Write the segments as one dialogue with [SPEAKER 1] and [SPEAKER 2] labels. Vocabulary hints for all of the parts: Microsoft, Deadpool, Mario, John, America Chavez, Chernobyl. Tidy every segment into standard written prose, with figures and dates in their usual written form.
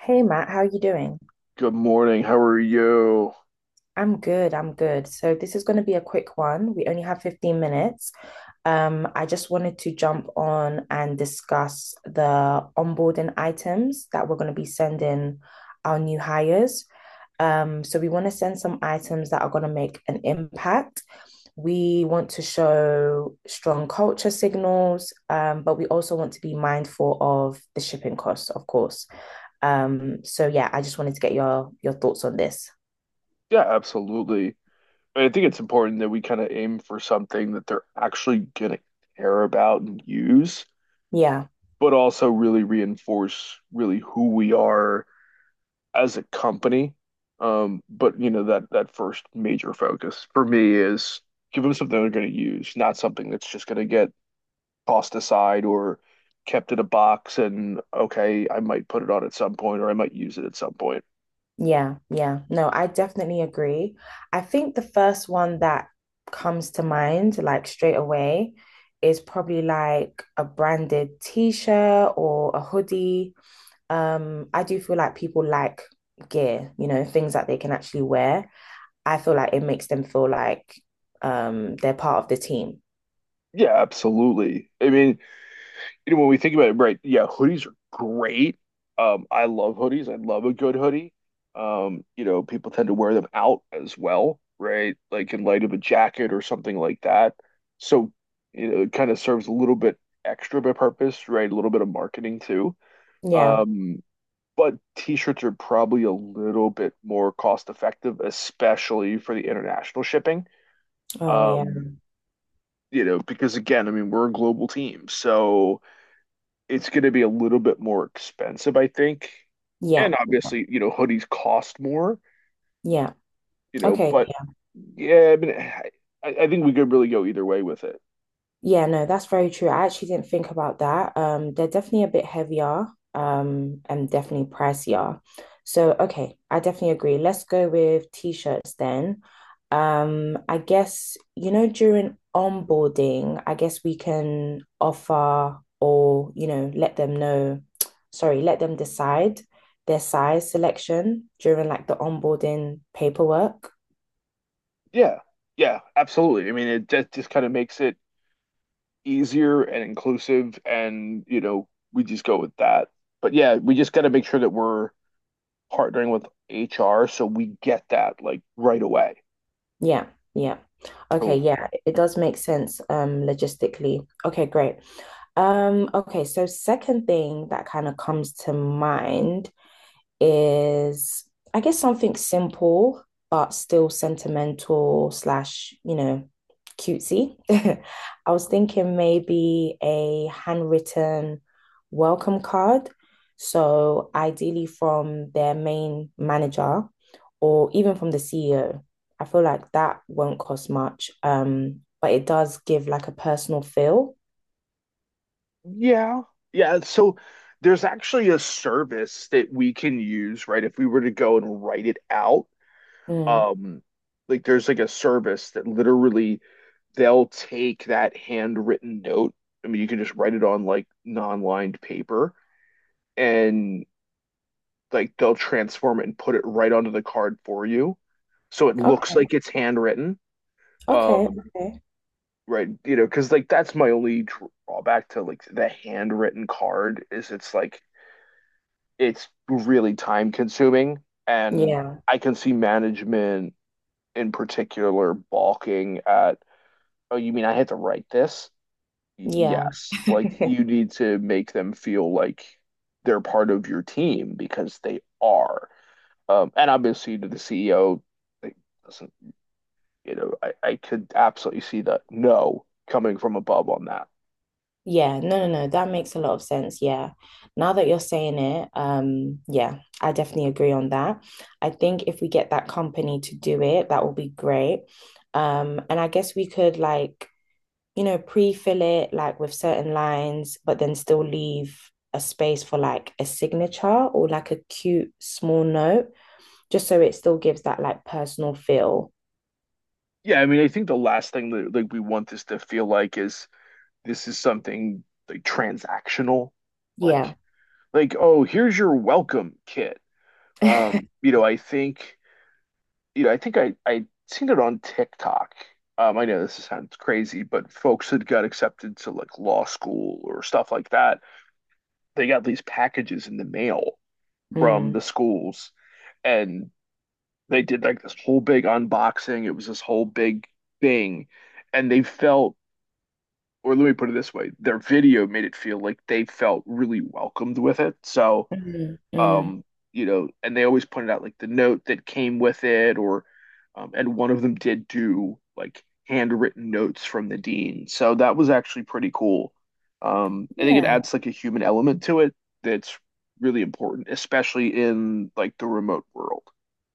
[SPEAKER 1] Hey Matt, how are you doing?
[SPEAKER 2] Good morning. How are you?
[SPEAKER 1] I'm good. So this is going to be a quick one. We only have 15 minutes. I just wanted to jump on and discuss the onboarding items that we're going to be sending our new hires. So we want to send some items that are going to make an impact. We want to show strong culture signals, but we also want to be mindful of the shipping costs, of course. So yeah, I just wanted to get your thoughts on this.
[SPEAKER 2] Yeah, absolutely. I think it's important that we kind of aim for something that they're actually gonna care about and use,
[SPEAKER 1] Yeah,
[SPEAKER 2] but also really reinforce really who we are as a company. But you know that first major focus for me is give them something they're gonna use, not something that's just gonna get tossed aside or kept in a box and okay, I might put it on at some point or I might use it at some point.
[SPEAKER 1] yeah. No, I definitely agree. I think the first one that comes to mind, like straight away, is probably like a branded t-shirt or a hoodie. I do feel like people like gear, things that they can actually wear. I feel like it makes them feel like they're part of the team.
[SPEAKER 2] Yeah, absolutely. I mean, you know, when we think about it, right? Yeah, hoodies are great. I love hoodies. I love a good hoodie. You know, people tend to wear them out as well, right? Like in light of a jacket or something like that. So, you know, it kind of serves a little bit extra of a purpose, right? A little bit of marketing too.
[SPEAKER 1] Yeah.
[SPEAKER 2] Um, but t-shirts are probably a little bit more cost effective, especially for the international shipping.
[SPEAKER 1] Oh yeah.
[SPEAKER 2] Um, you know, because again, I mean, we're a global team, so it's going to be a little bit more expensive, I think. And
[SPEAKER 1] Yeah. Yeah.
[SPEAKER 2] obviously, you know, hoodies cost more,
[SPEAKER 1] Yeah.
[SPEAKER 2] you know,
[SPEAKER 1] Okay.
[SPEAKER 2] but yeah, I mean, I think we could really go either way with it.
[SPEAKER 1] Yeah, no, that's very true. I actually didn't think about that. They're definitely a bit heavier, and definitely pricier. So, okay, I definitely agree. Let's go with t-shirts then. I guess, during onboarding, I guess we can offer or, let them know, sorry, let them decide their size selection during like the onboarding paperwork.
[SPEAKER 2] Yeah. Yeah, absolutely. I mean, it just kind of makes it easier and inclusive and, you know, we just go with that. But yeah, we just got to make sure that we're partnering with HR so we get that like right away.
[SPEAKER 1] Yeah, yeah. Okay,
[SPEAKER 2] Cool.
[SPEAKER 1] yeah, it does make sense logistically. Okay, great. Okay, so second thing that kind of comes to mind is I guess something simple but still sentimental slash, cutesy. I was thinking maybe a handwritten welcome card. So ideally from their main manager or even from the CEO. I feel like that won't cost much. But it does give like a personal feel.
[SPEAKER 2] Yeah. Yeah. So there's actually a service that we can use, right? If we were to go and write it out,
[SPEAKER 1] Mm.
[SPEAKER 2] um, like there's like a service that literally they'll take that handwritten note. I mean, you can just write it on like non-lined paper and like they'll transform it and put it right onto the card for you. So it looks
[SPEAKER 1] Okay.
[SPEAKER 2] like it's handwritten.
[SPEAKER 1] Okay.
[SPEAKER 2] Um,
[SPEAKER 1] Okay.
[SPEAKER 2] right, you know, because like that's my only drawback to like the handwritten card is it's like it's really time consuming. And
[SPEAKER 1] Yeah.
[SPEAKER 2] I can see management in particular balking at, oh, you mean I had to write this?
[SPEAKER 1] Yeah.
[SPEAKER 2] Yes. Like you need to make them feel like they're part of your team because they are. And obviously to the CEO, like, doesn't, you know, I could absolutely see the no coming from above on that.
[SPEAKER 1] Yeah, no, that makes a lot of sense. Yeah. Now that you're saying it, yeah, I definitely agree on that. I think if we get that company to do it, that will be great. And I guess we could like, pre-fill it like with certain lines, but then still leave a space for like a signature or like a cute small note, just so it still gives that like personal feel.
[SPEAKER 2] Yeah, I mean, I think the last thing that like we want this to feel like is this is something like transactional,
[SPEAKER 1] Yeah.
[SPEAKER 2] like like oh here's your welcome kit. Um, you know, I think you know, I think I seen it on TikTok. I know this sounds crazy, but folks that got accepted to like law school or stuff like that, they got these packages in the mail from
[SPEAKER 1] Mm.
[SPEAKER 2] the schools, and they did like this whole big unboxing. It was this whole big thing, and they felt or let me put it this way, their video made it feel like they felt really welcomed with it. So,
[SPEAKER 1] Mm.
[SPEAKER 2] um, you know, and they always pointed out like the note that came with it, or, and one of them did do like handwritten notes from the dean. So that was actually pretty cool. I think it
[SPEAKER 1] Yeah.
[SPEAKER 2] adds like a human element to it that's really important, especially in like the remote world.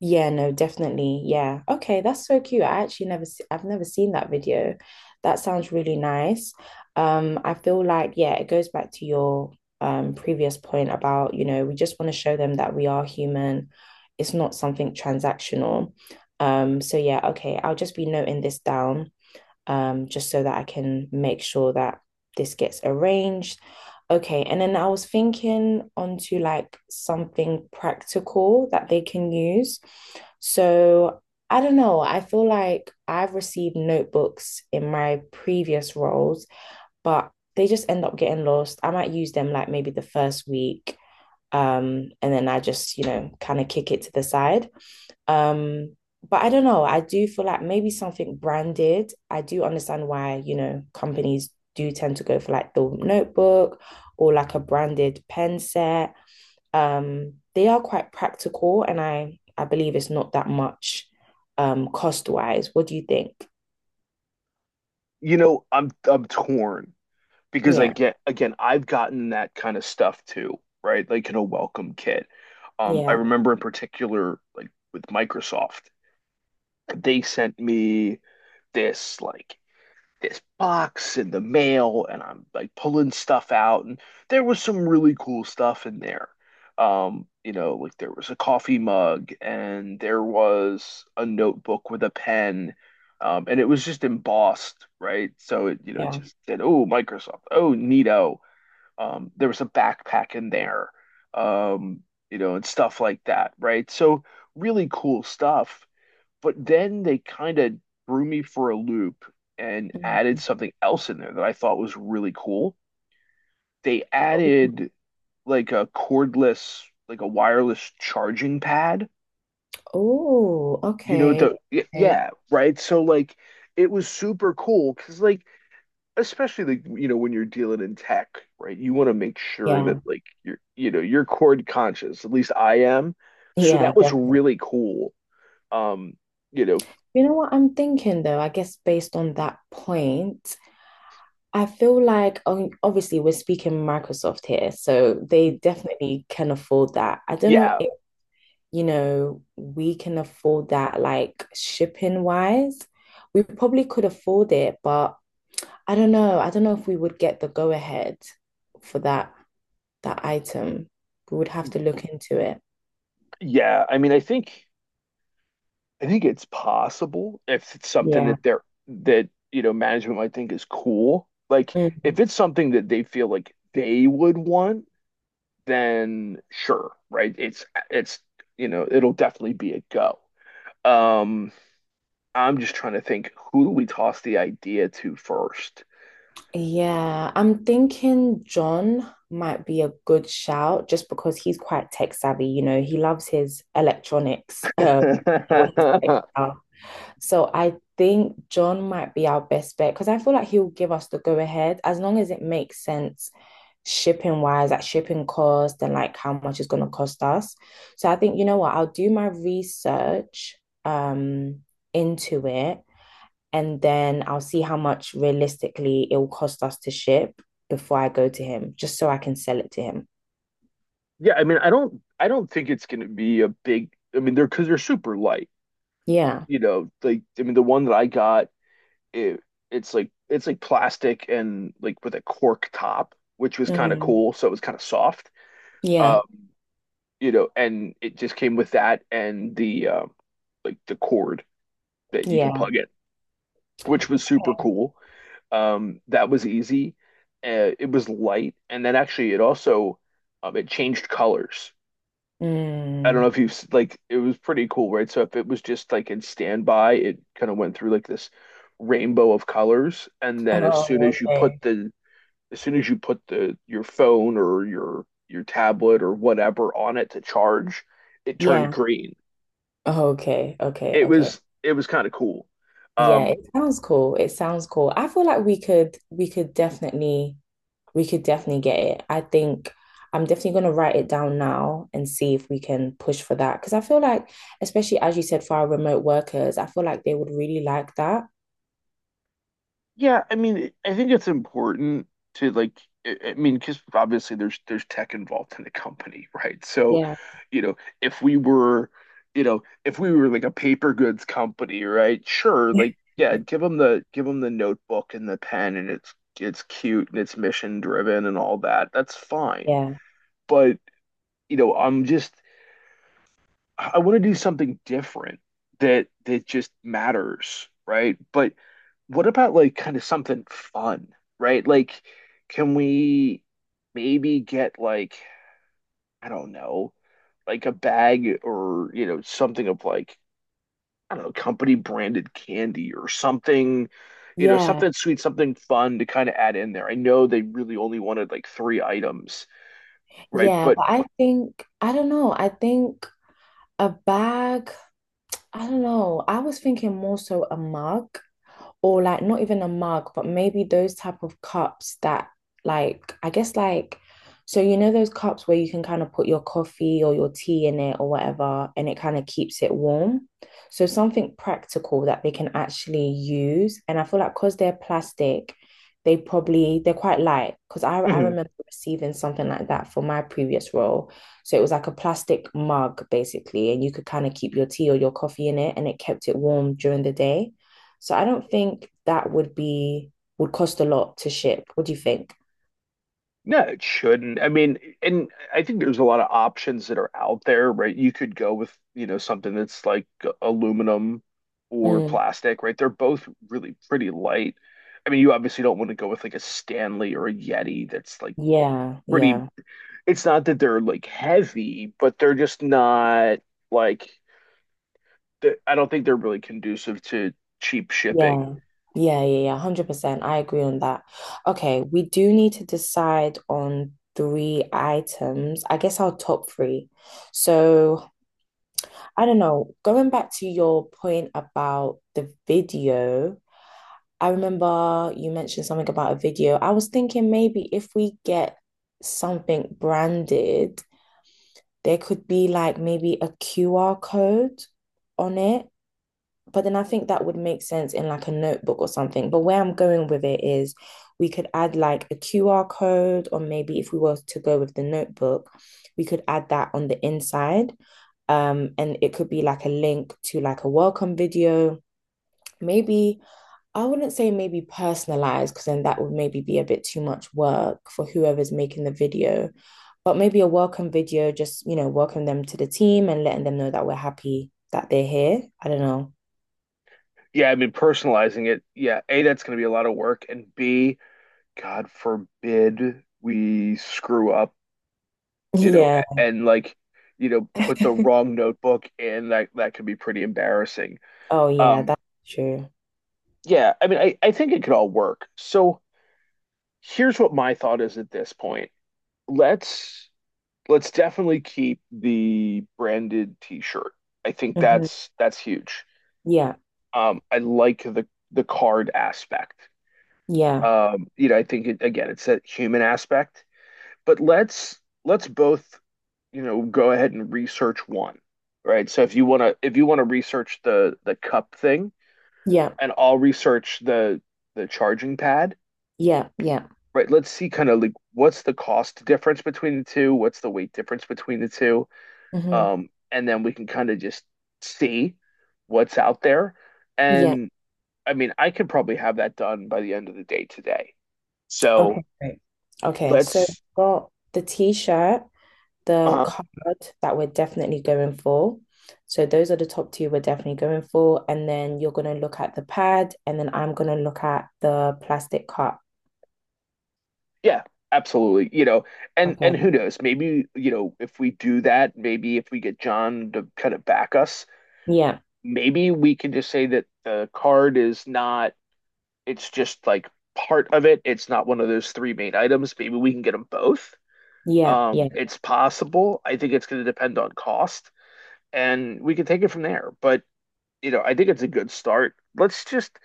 [SPEAKER 1] Yeah, no, definitely. Yeah. Okay, that's so cute. I actually never se- I've never seen that video. That sounds really nice. I feel like, yeah, it goes back to your previous point about, we just want to show them that we are human. It's not something transactional. So yeah, okay, I'll just be noting this down just so that I can make sure that this gets arranged. Okay, and then I was thinking onto like something practical that they can use. So I don't know, I feel like I've received notebooks in my previous roles, but they just end up getting lost. I might use them like maybe the first week, and then I just, kind of kick it to the side. Um, but I don't know. I do feel like maybe something branded. I do understand why, companies do tend to go for like the notebook or like a branded pen set. They are quite practical and I believe it's not that much cost wise. What do you think?
[SPEAKER 2] You know, I'm torn because
[SPEAKER 1] Yeah,
[SPEAKER 2] again, I've gotten that kind of stuff too, right? Like in a welcome kit. I
[SPEAKER 1] yeah,
[SPEAKER 2] remember in particular, like with Microsoft, they sent me this like this box in the mail, and I'm like pulling stuff out, and there was some really cool stuff in there. You know, like there was a coffee mug, and there was a notebook with a pen. And it was just embossed, right? So it, you know,
[SPEAKER 1] yeah.
[SPEAKER 2] just said, "Oh, Microsoft. Oh, neato." There was a backpack in there, um, you know, and stuff like that, right? So really cool stuff. But then they kind of threw me for a loop and added
[SPEAKER 1] Mm.
[SPEAKER 2] something else in there that I thought was really cool. They added like a cordless, like a wireless charging pad.
[SPEAKER 1] Oh,
[SPEAKER 2] You know,
[SPEAKER 1] okay.
[SPEAKER 2] the
[SPEAKER 1] Okay.
[SPEAKER 2] yeah, right? So like it was super cool because like especially like you know when you're dealing in tech, right? You want to make sure that
[SPEAKER 1] Yeah.
[SPEAKER 2] like you're you know you're chord conscious. At least I am. So
[SPEAKER 1] Yeah,
[SPEAKER 2] that was
[SPEAKER 1] definitely.
[SPEAKER 2] really cool. Um, you know,
[SPEAKER 1] You know what I'm thinking though, I guess based on that point, I feel like obviously we're speaking Microsoft here, so they definitely can afford that. I don't know
[SPEAKER 2] yeah,
[SPEAKER 1] if, we can afford that like shipping wise. We probably could afford it, but I don't know. I don't know if we would get the go ahead for that item. We would have to look into it.
[SPEAKER 2] yeah. I mean, I think it's possible if it's something
[SPEAKER 1] Yeah.
[SPEAKER 2] that they're that you know management might think is cool. Like if it's something that they feel like they would want, then sure, right? It's you know it'll definitely be a go. Um, I'm just trying to think who do we toss the idea to first?
[SPEAKER 1] Yeah, I'm thinking John might be a good shout just because he's quite tech savvy, he loves his electronics, or his tech stuff. So I think John might be our best bet because I feel like he'll give us the go ahead as long as it makes sense shipping wise, like shipping cost and like how much it's gonna cost us. So I think, you know what, I'll do my research um into it and then I'll see how much realistically it will cost us to ship before I go to him, just so I can sell it to him.
[SPEAKER 2] Yeah, I mean, I don't think it's going to be a big I mean, they're because they're super light,
[SPEAKER 1] Yeah.
[SPEAKER 2] you know, like I mean, the one that I got it, it's like plastic and like with a cork top, which was kind of
[SPEAKER 1] Mm.
[SPEAKER 2] cool, so it was kind of soft. Uh,
[SPEAKER 1] Yeah.
[SPEAKER 2] you know, and it just came with that and the like the cord that you can
[SPEAKER 1] Yeah.
[SPEAKER 2] plug in, which was super cool. That was easy. It was light, and then actually it also it changed colors. I don't know
[SPEAKER 1] Mm.
[SPEAKER 2] if you've like it was pretty cool, right? So if it was just like in standby, it kind of went through like this rainbow of colors, and then as soon
[SPEAKER 1] Oh,
[SPEAKER 2] as you put
[SPEAKER 1] okay.
[SPEAKER 2] the as soon as you put the your phone or your tablet or whatever on it to charge, it turned
[SPEAKER 1] Yeah.
[SPEAKER 2] green.
[SPEAKER 1] Oh, okay. Okay. Okay.
[SPEAKER 2] It was kind of cool.
[SPEAKER 1] Yeah,
[SPEAKER 2] Um,
[SPEAKER 1] it sounds cool. It sounds cool. I feel like we could definitely we could definitely get it. I think I'm definitely going to write it down now and see if we can push for that. Because I feel like, especially as you said, for our remote workers, I feel like they would really like that.
[SPEAKER 2] yeah, I mean, it- I think it's important to like, I mean, because obviously there's tech involved in the company, right? So,
[SPEAKER 1] Yeah.
[SPEAKER 2] you know, if we were, you know, if we were like a paper goods company, right? Sure, like, yeah, give them the notebook and the pen, and it's cute and it's mission driven and all that. That's fine.
[SPEAKER 1] Yeah.
[SPEAKER 2] But you know, I'm just I want to do something different that that just matters, right? But what about like kind of something fun, right? Like, can we maybe get like, I don't know, like a bag or, you know, something of like, I don't know, company branded candy or something, you know,
[SPEAKER 1] Yeah.
[SPEAKER 2] something sweet, something fun to kind of add in there. I know they really only wanted like three items, right?
[SPEAKER 1] Yeah.
[SPEAKER 2] But
[SPEAKER 1] But I think, I don't know, I think a bag, I don't know. I was thinking more so a mug, or like not even a mug, but maybe those type of cups that like I guess like so you know those cups where you can kind of put your coffee or your tea in it or whatever, and it kind of keeps it warm. So something practical that they can actually use. And I feel like because they're plastic, they're quite light. Because I remember receiving something like that for my previous role. So it was like a plastic mug basically, and you could kind of keep your tea or your coffee in it, and it kept it warm during the day. So I don't think that would cost a lot to ship. What do you think?
[SPEAKER 2] No, it shouldn't. I mean, and I think there's a lot of options that are out there, right? You could go with, you know, something that's like aluminum or
[SPEAKER 1] Mm,
[SPEAKER 2] plastic, right? They're both really pretty light. I mean, you obviously don't want to go with like a Stanley or a Yeti that's like
[SPEAKER 1] yeah,
[SPEAKER 2] pretty,
[SPEAKER 1] yeah,
[SPEAKER 2] it's not that they're like heavy, but they're just not like, I don't think they're really conducive to cheap shipping.
[SPEAKER 1] yeah, yeah. 100%. I agree on that. Okay, we do need to decide on three items. I guess our top three. So I don't know. Going back to your point about the video, I remember you mentioned something about a video. I was thinking maybe if we get something branded. There could be like maybe a QR code on it, but then I think that would make sense in like a notebook or something. But where I'm going with it is we could add like a QR code, or maybe if we were to go with the notebook, we could add that on the inside. And it could be like a link to like a welcome video maybe. I wouldn't say maybe personalized because then that would maybe be a bit too much work for whoever's making the video, but maybe a welcome video, just, you know, welcome them to the team and letting them know that we're happy that they're here. I don't know.
[SPEAKER 2] Yeah, I mean, personalizing it, yeah, A, that's going to be a lot of work, and B, God forbid we screw up, you know,
[SPEAKER 1] Yeah.
[SPEAKER 2] and like, you know, put the wrong notebook in. That could be pretty embarrassing.
[SPEAKER 1] Oh, yeah,
[SPEAKER 2] Um,
[SPEAKER 1] that's true.
[SPEAKER 2] yeah, I mean, I think it could all work. So here's what my thought is at this point. Let's let's definitely keep the branded t-shirt. I think
[SPEAKER 1] Hmm.
[SPEAKER 2] that's huge.
[SPEAKER 1] Yeah.
[SPEAKER 2] I like the card aspect.
[SPEAKER 1] Yeah.
[SPEAKER 2] You know, I think it, again, it's that human aspect. But let's both you know, go ahead and research one, right? So if you want to if you want to research the cup thing
[SPEAKER 1] Yeah.
[SPEAKER 2] and I'll research the charging pad,
[SPEAKER 1] Yeah. Yeah.
[SPEAKER 2] right? Let's see kind of like what's the cost difference between the two, what's the weight difference between the two,
[SPEAKER 1] Hmm.
[SPEAKER 2] and then we can kind of just see what's out there.
[SPEAKER 1] Yeah.
[SPEAKER 2] And I mean, I could probably have that done by the end of the day today. So
[SPEAKER 1] Okay. Great. Okay. So
[SPEAKER 2] let's
[SPEAKER 1] got the t-shirt, the
[SPEAKER 2] Um,
[SPEAKER 1] card that we're definitely going for. So those are the top two we're definitely going for. And then you're going to look at the pad, and then I'm going to look at the plastic cup.
[SPEAKER 2] yeah, absolutely. You know,
[SPEAKER 1] Okay.
[SPEAKER 2] and who knows? Maybe, you know, if we do that, maybe if we get John to kind of back us,
[SPEAKER 1] Yeah.
[SPEAKER 2] maybe we can just say that the card is not, it's just like part of it. It's not one of those three main items. Maybe we can get them both.
[SPEAKER 1] Yeah.
[SPEAKER 2] Um,
[SPEAKER 1] Yeah.
[SPEAKER 2] it's possible. I think it's going to depend on cost, and we can take it from there. But, you know, I think it's a good start. Let's just,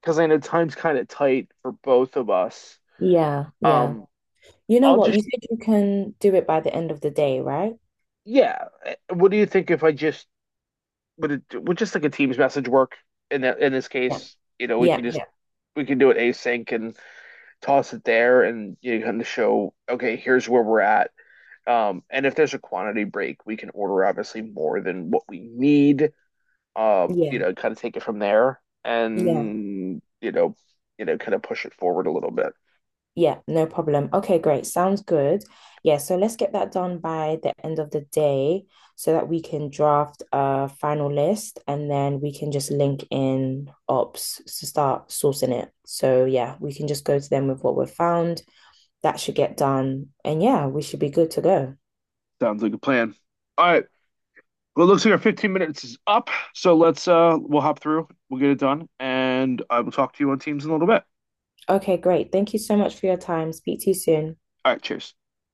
[SPEAKER 2] because I know time's kind of tight for both of us.
[SPEAKER 1] Yeah. Yeah.
[SPEAKER 2] Um,
[SPEAKER 1] You know
[SPEAKER 2] I'll
[SPEAKER 1] what?
[SPEAKER 2] just
[SPEAKER 1] You said you can do it by the end of the day, right?
[SPEAKER 2] yeah. What do you think if I just would it would just like a Teams message work in that in this
[SPEAKER 1] Yeah.
[SPEAKER 2] case? You know, we
[SPEAKER 1] Yeah.
[SPEAKER 2] can just
[SPEAKER 1] Yeah.
[SPEAKER 2] we can do it async and toss it there, and you kind of show okay, here's where we're at. And if there's a quantity break, we can order obviously more than what we need. You
[SPEAKER 1] Yeah.
[SPEAKER 2] know, kind of take it from there,
[SPEAKER 1] Yeah.
[SPEAKER 2] and you know, kind of push it forward a little bit.
[SPEAKER 1] Yeah, no problem. Okay, great. Sounds good. Yeah, so let's get that done by the end of the day so that we can draft a final list and then we can just link in ops to start sourcing it. So, yeah, we can just go to them with what we've found. That should get done. And yeah, we should be good to go.
[SPEAKER 2] Sounds like a plan. All right. Well, it looks like our 15 minutes is up, so let's we'll hop through, we'll get it done, and I will talk to you on Teams in a little bit.
[SPEAKER 1] Okay, great. Thank you so much for your time. Speak to you soon.
[SPEAKER 2] All right, cheers.